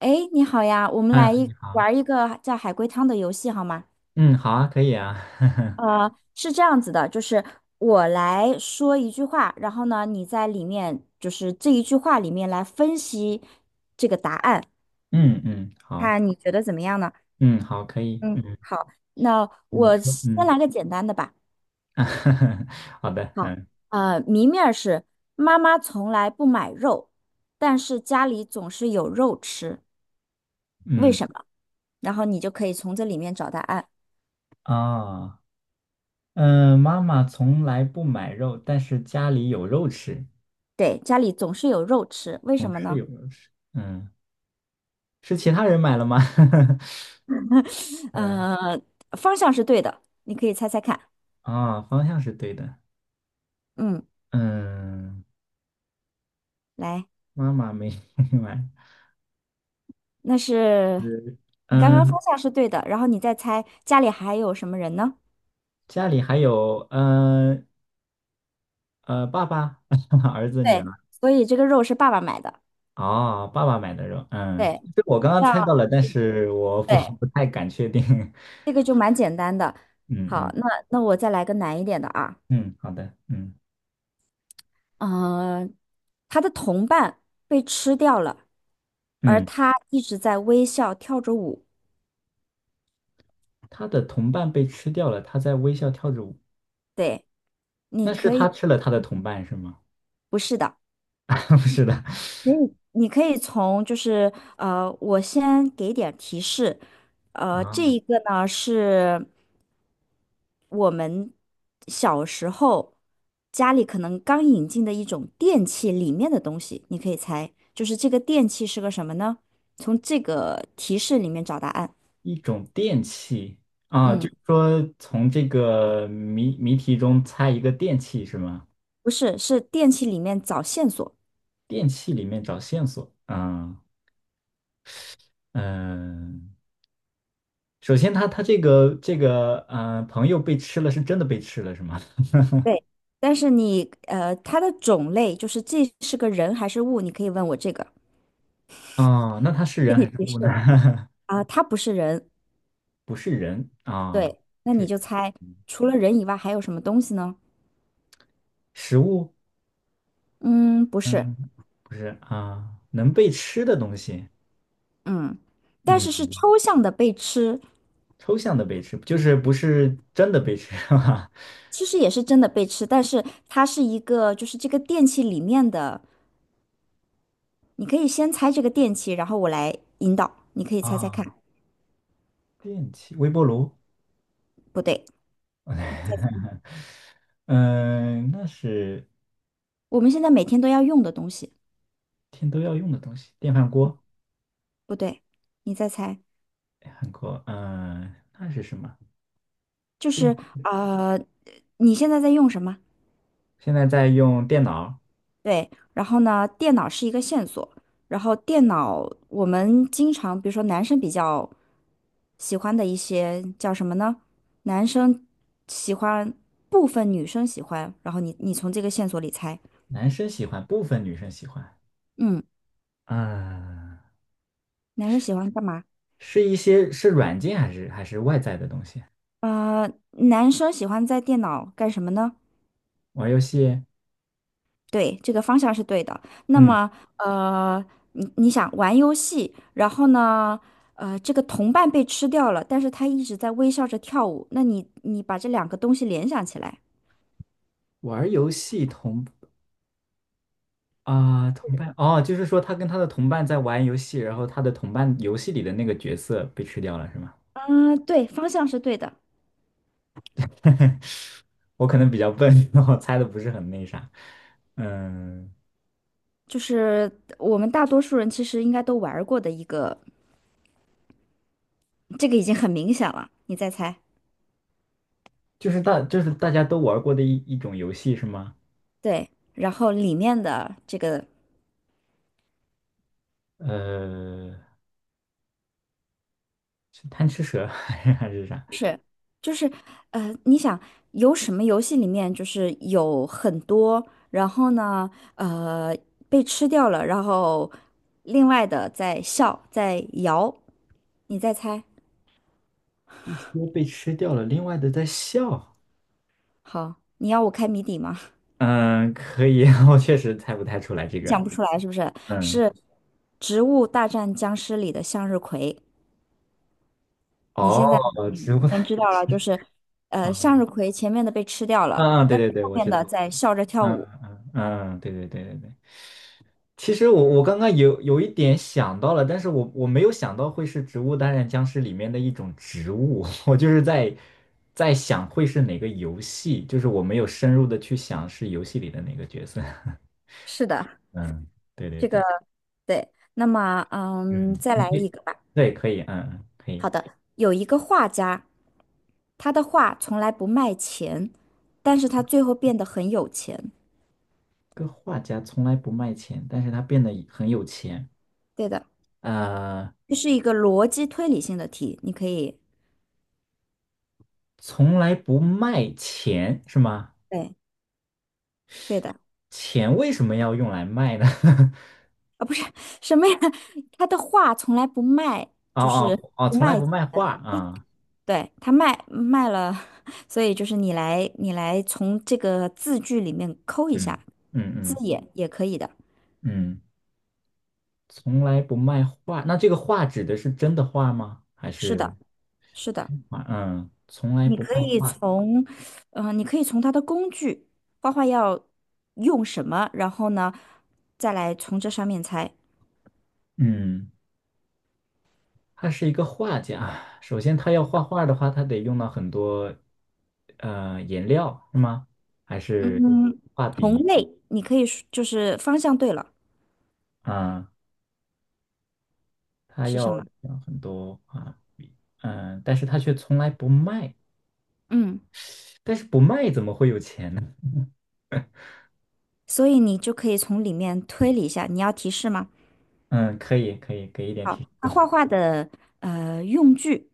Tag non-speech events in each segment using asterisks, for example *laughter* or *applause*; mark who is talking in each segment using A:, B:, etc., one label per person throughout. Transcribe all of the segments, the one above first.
A: 哎，你好呀，我们来
B: 嗯，
A: 一
B: 你好，
A: 玩一个叫海龟汤的游戏好吗？
B: 嗯，好啊，可以啊，*laughs*
A: 是这样子的，就是我来说一句话，然后呢，你在里面就是这一句话里面来分析这个答案，
B: 嗯，好，
A: 看你觉得怎么样呢？
B: 嗯好，可以，
A: 嗯，好，那
B: 你
A: 我
B: 说，
A: 先来个简单的吧。
B: *laughs* 好的，
A: 好，谜面儿是妈妈从来不买肉，但是家里总是有肉吃，为
B: 嗯
A: 什么？然后你就可以从这里面找答案。
B: 啊，妈妈从来不买肉，但是家里有肉吃，
A: 对，家里总是有肉吃，为什
B: 总
A: 么
B: 是
A: 呢？
B: 有肉吃，是其他人买了吗？*laughs* 嗯
A: 嗯，方向是对的，你可以猜猜看。
B: 方向是对的，
A: 嗯，
B: 嗯，
A: 来，
B: 妈妈没 *laughs* 买，
A: 那是
B: 嗯
A: 你刚刚
B: 嗯，
A: 方向是对的，然后你再猜家里还有什么人呢？
B: 家里还有，爸爸、*laughs* 儿子、女
A: 对，
B: 儿。
A: 所以这个肉是爸爸买的。
B: 哦，爸爸买的肉，
A: 对，
B: 这我刚刚
A: 这样
B: 猜到了，但是我不
A: 对，
B: *laughs* 不太敢确定。*laughs*
A: 这个就蛮简单的。
B: 嗯
A: 好，
B: 嗯
A: 那我再来个难一点的啊。
B: 嗯，好的，
A: 嗯，他的同伴被吃掉了，而
B: 嗯，
A: 他一直在微笑跳着舞。
B: 他的同伴被吃掉了，他在微笑跳着舞，
A: 对，你
B: 那是
A: 可
B: 他
A: 以，
B: 吃了他的同伴是吗？
A: 不是的。
B: *laughs* 不是的，
A: 可以，你可以从就是我先给点儿提示，这
B: 啊，
A: 一个呢是我们小时候家里可能刚引进的一种电器里面的东西，你可以猜，就是这个电器是个什么呢？从这个提示里面找答案。
B: 一种电器。啊，就
A: 嗯，
B: 是说从这个谜题中猜一个电器是吗？
A: 不是，是电器里面找线索。
B: 电器里面找线索，嗯，首先他这个朋友被吃了是真的被吃了是吗？
A: 对，但是你它的种类就是这是个人还是物，你可以问我这个，
B: 啊，那它是
A: 给
B: 人
A: 你
B: 还是
A: 提
B: 物
A: 示
B: 呢？
A: 了。
B: *laughs*
A: 啊，它不是人，
B: 不是人啊，
A: 对，那你
B: 是
A: 就猜，
B: 嗯
A: 除了人以外还有什么东西呢？
B: 食物，
A: 嗯，不是，
B: 嗯，不是啊，能被吃的东西，
A: 嗯，但是是
B: 嗯，
A: 抽象的被吃，
B: 抽象的被吃，就是不是真的被吃，*laughs* 哈哈。
A: 其实也是真的被吃，但是它是一个，就是这个电器里面的，你可以先猜这个电器，然后我来引导，你可以猜猜看，
B: 啊，电器，微波炉，
A: 不对，再
B: 嗯，那是
A: 我们现在每天都要用的东西，
B: 天都要用的东西，电饭锅，
A: 不对，你再猜，
B: 韩国，那是什么？
A: 就是呃，你现在在用什么？
B: 现在在用电脑，
A: 对，然后呢，电脑是一个线索，然后电脑我们经常，比如说男生比较喜欢的一些叫什么呢？男生喜欢，部分女生喜欢，然后你从这个线索里猜，
B: 男生喜欢，部分女生喜欢，
A: 嗯，
B: 嗯，
A: 男生喜欢干嘛？
B: 是一些是软件还是还是外在的东西？
A: 呃，男生喜欢在电脑干什么呢？
B: 玩游戏，
A: 对，这个方向是对的。那
B: 嗯，
A: 么，呃，你想玩游戏，然后呢，这个同伴被吃掉了，但是他一直在微笑着跳舞。那你把这两个东西联想起来，
B: 玩游戏同啊、同伴哦，就是说他跟他的同伴在玩游戏，然后他的同伴游戏里的那个角色被吃掉了，是吗？
A: 嗯、对，方向是对的，
B: *laughs* 我可能比较笨，*laughs* 我猜的不是很那啥。嗯，
A: 就是我们大多数人其实应该都玩儿过的一个，这个已经很明显了。你再猜，
B: 就是大就是大家都玩过的一种游戏是吗？
A: 对，然后里面的这个
B: 呃，是贪吃蛇 *laughs* 还是还是啥？
A: 是，就是，你想有什么游戏里面就是有很多，然后呢，呃，被吃掉了，然后另外的在笑，在摇，你再猜。
B: 一些被吃掉了，另外的在笑。
A: 好，你要我开谜底吗？*laughs*
B: 嗯，可以，*laughs* 我确实猜不太出来这
A: 你
B: 个。
A: 想不出来是不是？是
B: 嗯，
A: 《植物大战僵尸》里的向日葵。你现在
B: 哦，植
A: 嗯
B: 物。
A: 能知道了，就是，
B: 啊。
A: 向日葵前面的被吃掉了，
B: 嗯嗯，对
A: 但
B: 对
A: 是
B: 对，
A: 后
B: 我
A: 面
B: 知道。
A: 的在笑着跳
B: 嗯
A: 舞。
B: 嗯嗯，对对对对对。其实我刚刚有一点想到了，但是我没有想到会是《植物大战僵尸》里面的一种植物，*laughs* 我就是在在想会是哪个游戏，就是我没有深入的去想是游戏里的哪个角色。*laughs*
A: 是的。
B: 嗯，对对
A: 这个。
B: 对，
A: 对，那么嗯，
B: 嗯，
A: 再
B: 你
A: 来
B: 可
A: 一
B: 以，
A: 个吧。
B: 对，可以，嗯嗯，可以。
A: 好的，有一个画家，他的画从来不卖钱，但是他最后变得很有钱。
B: 个画家从来不卖钱，但是他变得很有钱。
A: 对的，
B: 呃，
A: 这是一个逻辑推理性的题，你可以，
B: 从来不卖钱是吗？
A: 对，对的，
B: 钱为什么要用来卖呢？*laughs*
A: 啊，不是什么呀？*laughs* 他的画从来不卖，
B: 哦
A: 就是
B: 哦哦，
A: 不
B: 从来
A: 卖
B: 不
A: 钱。
B: 卖画啊，
A: 对，他卖了，*laughs* 所以就是你来，你来从这个字句里面抠一
B: 嗯
A: 下
B: 嗯
A: 字
B: 嗯
A: 眼也可以的。
B: 嗯，从来不卖画。那这个画指的是真的画吗？还
A: 是
B: 是
A: 的，是的。
B: 画？嗯，从来
A: 你
B: 不
A: 可
B: 卖
A: 以
B: 画。
A: 从，你可以从它的工具，画画要用什么，然后呢，再来从这上面猜。
B: 嗯，他是一个画家。首先，他要画画的话，他得用到很多颜料，是吗？还是
A: 嗯，
B: 画
A: 同
B: 笔
A: 类，你可以说就是方向对了，
B: 啊？他
A: 是什
B: 要
A: 么？
B: 用很多啊，但是他却从来不卖。
A: 嗯，
B: 但是不卖怎么会有钱呢？
A: 所以你就可以从里面推理一下。你要提示吗？
B: 嗯，可以可以，给一点
A: 好，
B: 提示。
A: 它
B: *laughs*
A: 画画的用具，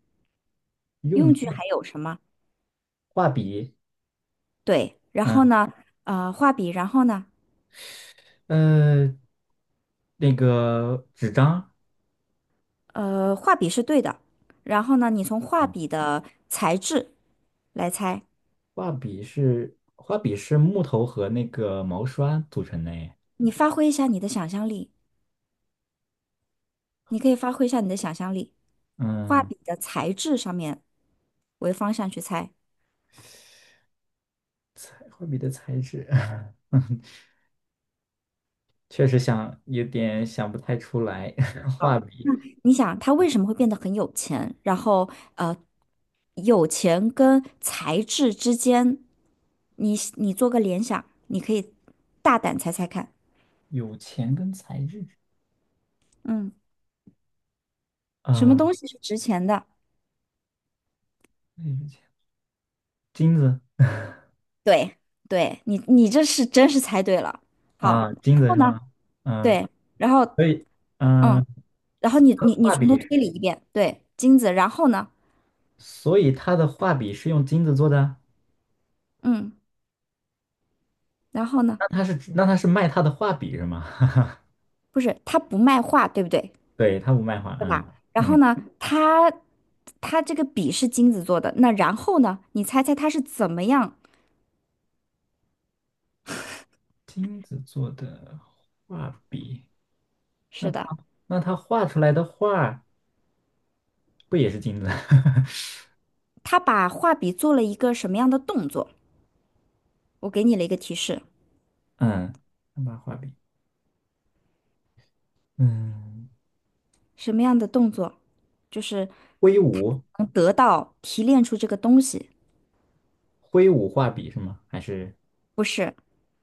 B: 用
A: 用具
B: 具、
A: 还有什么？
B: 画笔，
A: 对，然后
B: 嗯
A: 呢，画笔，然后呢，
B: 呃，那个纸张，
A: 画笔是对的，然后呢，你从画
B: 嗯，
A: 笔的材质来猜。
B: 画笔是画笔是木头和那个毛刷组成的耶。
A: 你发挥一下你的想象力，你可以发挥一下你的想象力，画
B: 嗯，
A: 笔的材质上面为方向去猜。
B: 画笔的材质，*laughs* 确实想有点想不太出来。*laughs* 画笔
A: 你想他为什么会变得很有钱？然后呃，有钱跟材质之间，你做个联想，你可以大胆猜猜看，
B: 有钱跟材质
A: 嗯，什么
B: 啊，
A: 东西是值钱的？
B: 那是钱，金子
A: 对，对你这是真是猜对了。好，
B: 啊，金
A: 然
B: 子
A: 后
B: 是
A: 呢？
B: 吗？嗯，
A: 对，然后
B: 所以
A: 嗯，
B: 嗯，
A: 然后你
B: 画
A: 从头
B: 笔。
A: 推理一遍，对，金子，然后呢？
B: 所以他的画笔是用金子做的啊，
A: 嗯。然后呢，
B: 那他是卖他的画笔是吗？*laughs*
A: 不是，他不卖画，对不对？
B: 对，他不卖画，
A: 对
B: 嗯
A: 吧？然后
B: 嗯，
A: 呢，他他这个笔是金子做的，那然后呢，你猜猜他是怎么样？
B: 金子做的画笔，那
A: 是
B: 他
A: 的，
B: 那他画出来的画不也是金子？*laughs*
A: 他把画笔做了一个什么样的动作？我给你了一个提示，
B: 嗯，那把画笔，嗯，
A: 什么样的动作？就是
B: 挥
A: 他
B: 舞
A: 能得到提炼出这个东西，
B: 挥舞画笔是吗？还是
A: 不是？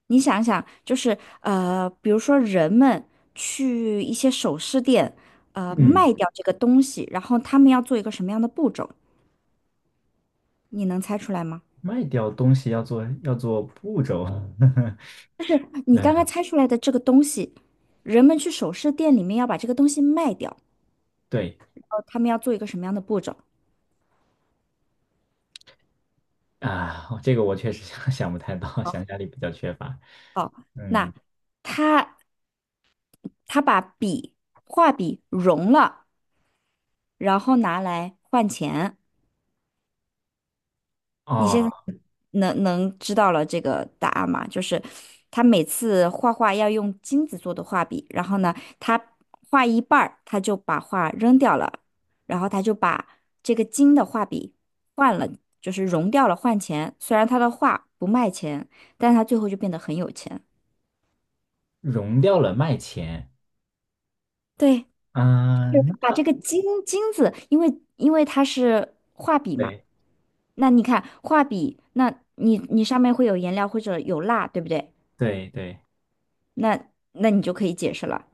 A: 你想想，就是比如说人们去一些首饰店，
B: 嗯，
A: 卖掉这个东西，然后他们要做一个什么样的步骤？你能猜出来吗？
B: 卖掉东西要做要做步骤？
A: 就是
B: *laughs*
A: 你刚刚
B: 嗯，
A: 猜出来的这个东西，人们去首饰店里面要把这个东西卖掉，
B: 对
A: 然后他们要做一个什么样的步骤？
B: 啊，这个我确实想不太到，想
A: 好，
B: 象力比较缺乏，
A: 哦，
B: 嗯。
A: 那他他把笔画笔融了，然后拿来换钱。你现在
B: 哦，
A: 能知道了这个答案吗？就是他每次画画要用金子做的画笔，然后呢，他画一半儿，他就把画扔掉了，然后他就把这个金的画笔换了，就是融掉了换钱。虽然他的画不卖钱，但是他最后就变得很有钱。
B: 融掉了卖钱，
A: 对，就
B: 嗯，那
A: 把这
B: 他
A: 个金子，因为它是画笔嘛，
B: 对
A: 那你看画笔，那你你上面会有颜料或者有蜡，对不对？
B: 对对，
A: 那那你就可以解释了。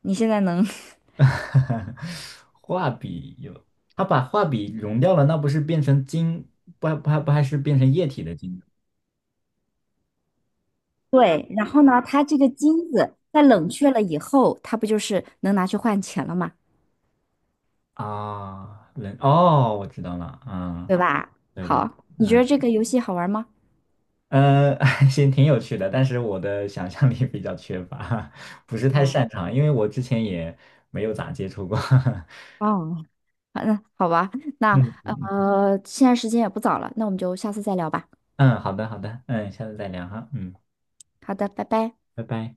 A: 你现在能，*laughs*
B: *laughs* 画笔有，他把画笔融掉了，那不是变成金？不还是变成液体的晶
A: 对，然后呢，它这个金子在冷却了以后，它不就是能拿去换钱了嘛，
B: 啊？人哦，我知道了，
A: 对
B: 啊，
A: 吧？
B: 对对，
A: 好，你觉得
B: 嗯
A: 这个游戏好玩吗？
B: 呃，*laughs* 行，挺有趣的，但是我的想象力比较缺乏，*laughs* 不是太
A: 嗯，
B: 擅长，因为我之前也没有咋接触过。*laughs*
A: 哦，好嗯，好吧，那
B: 嗯嗯嗯，
A: 现在时间也不早了，那我们就下次再聊吧。
B: 嗯好的好的，下次再聊哈，
A: 好的，拜拜。
B: 拜拜。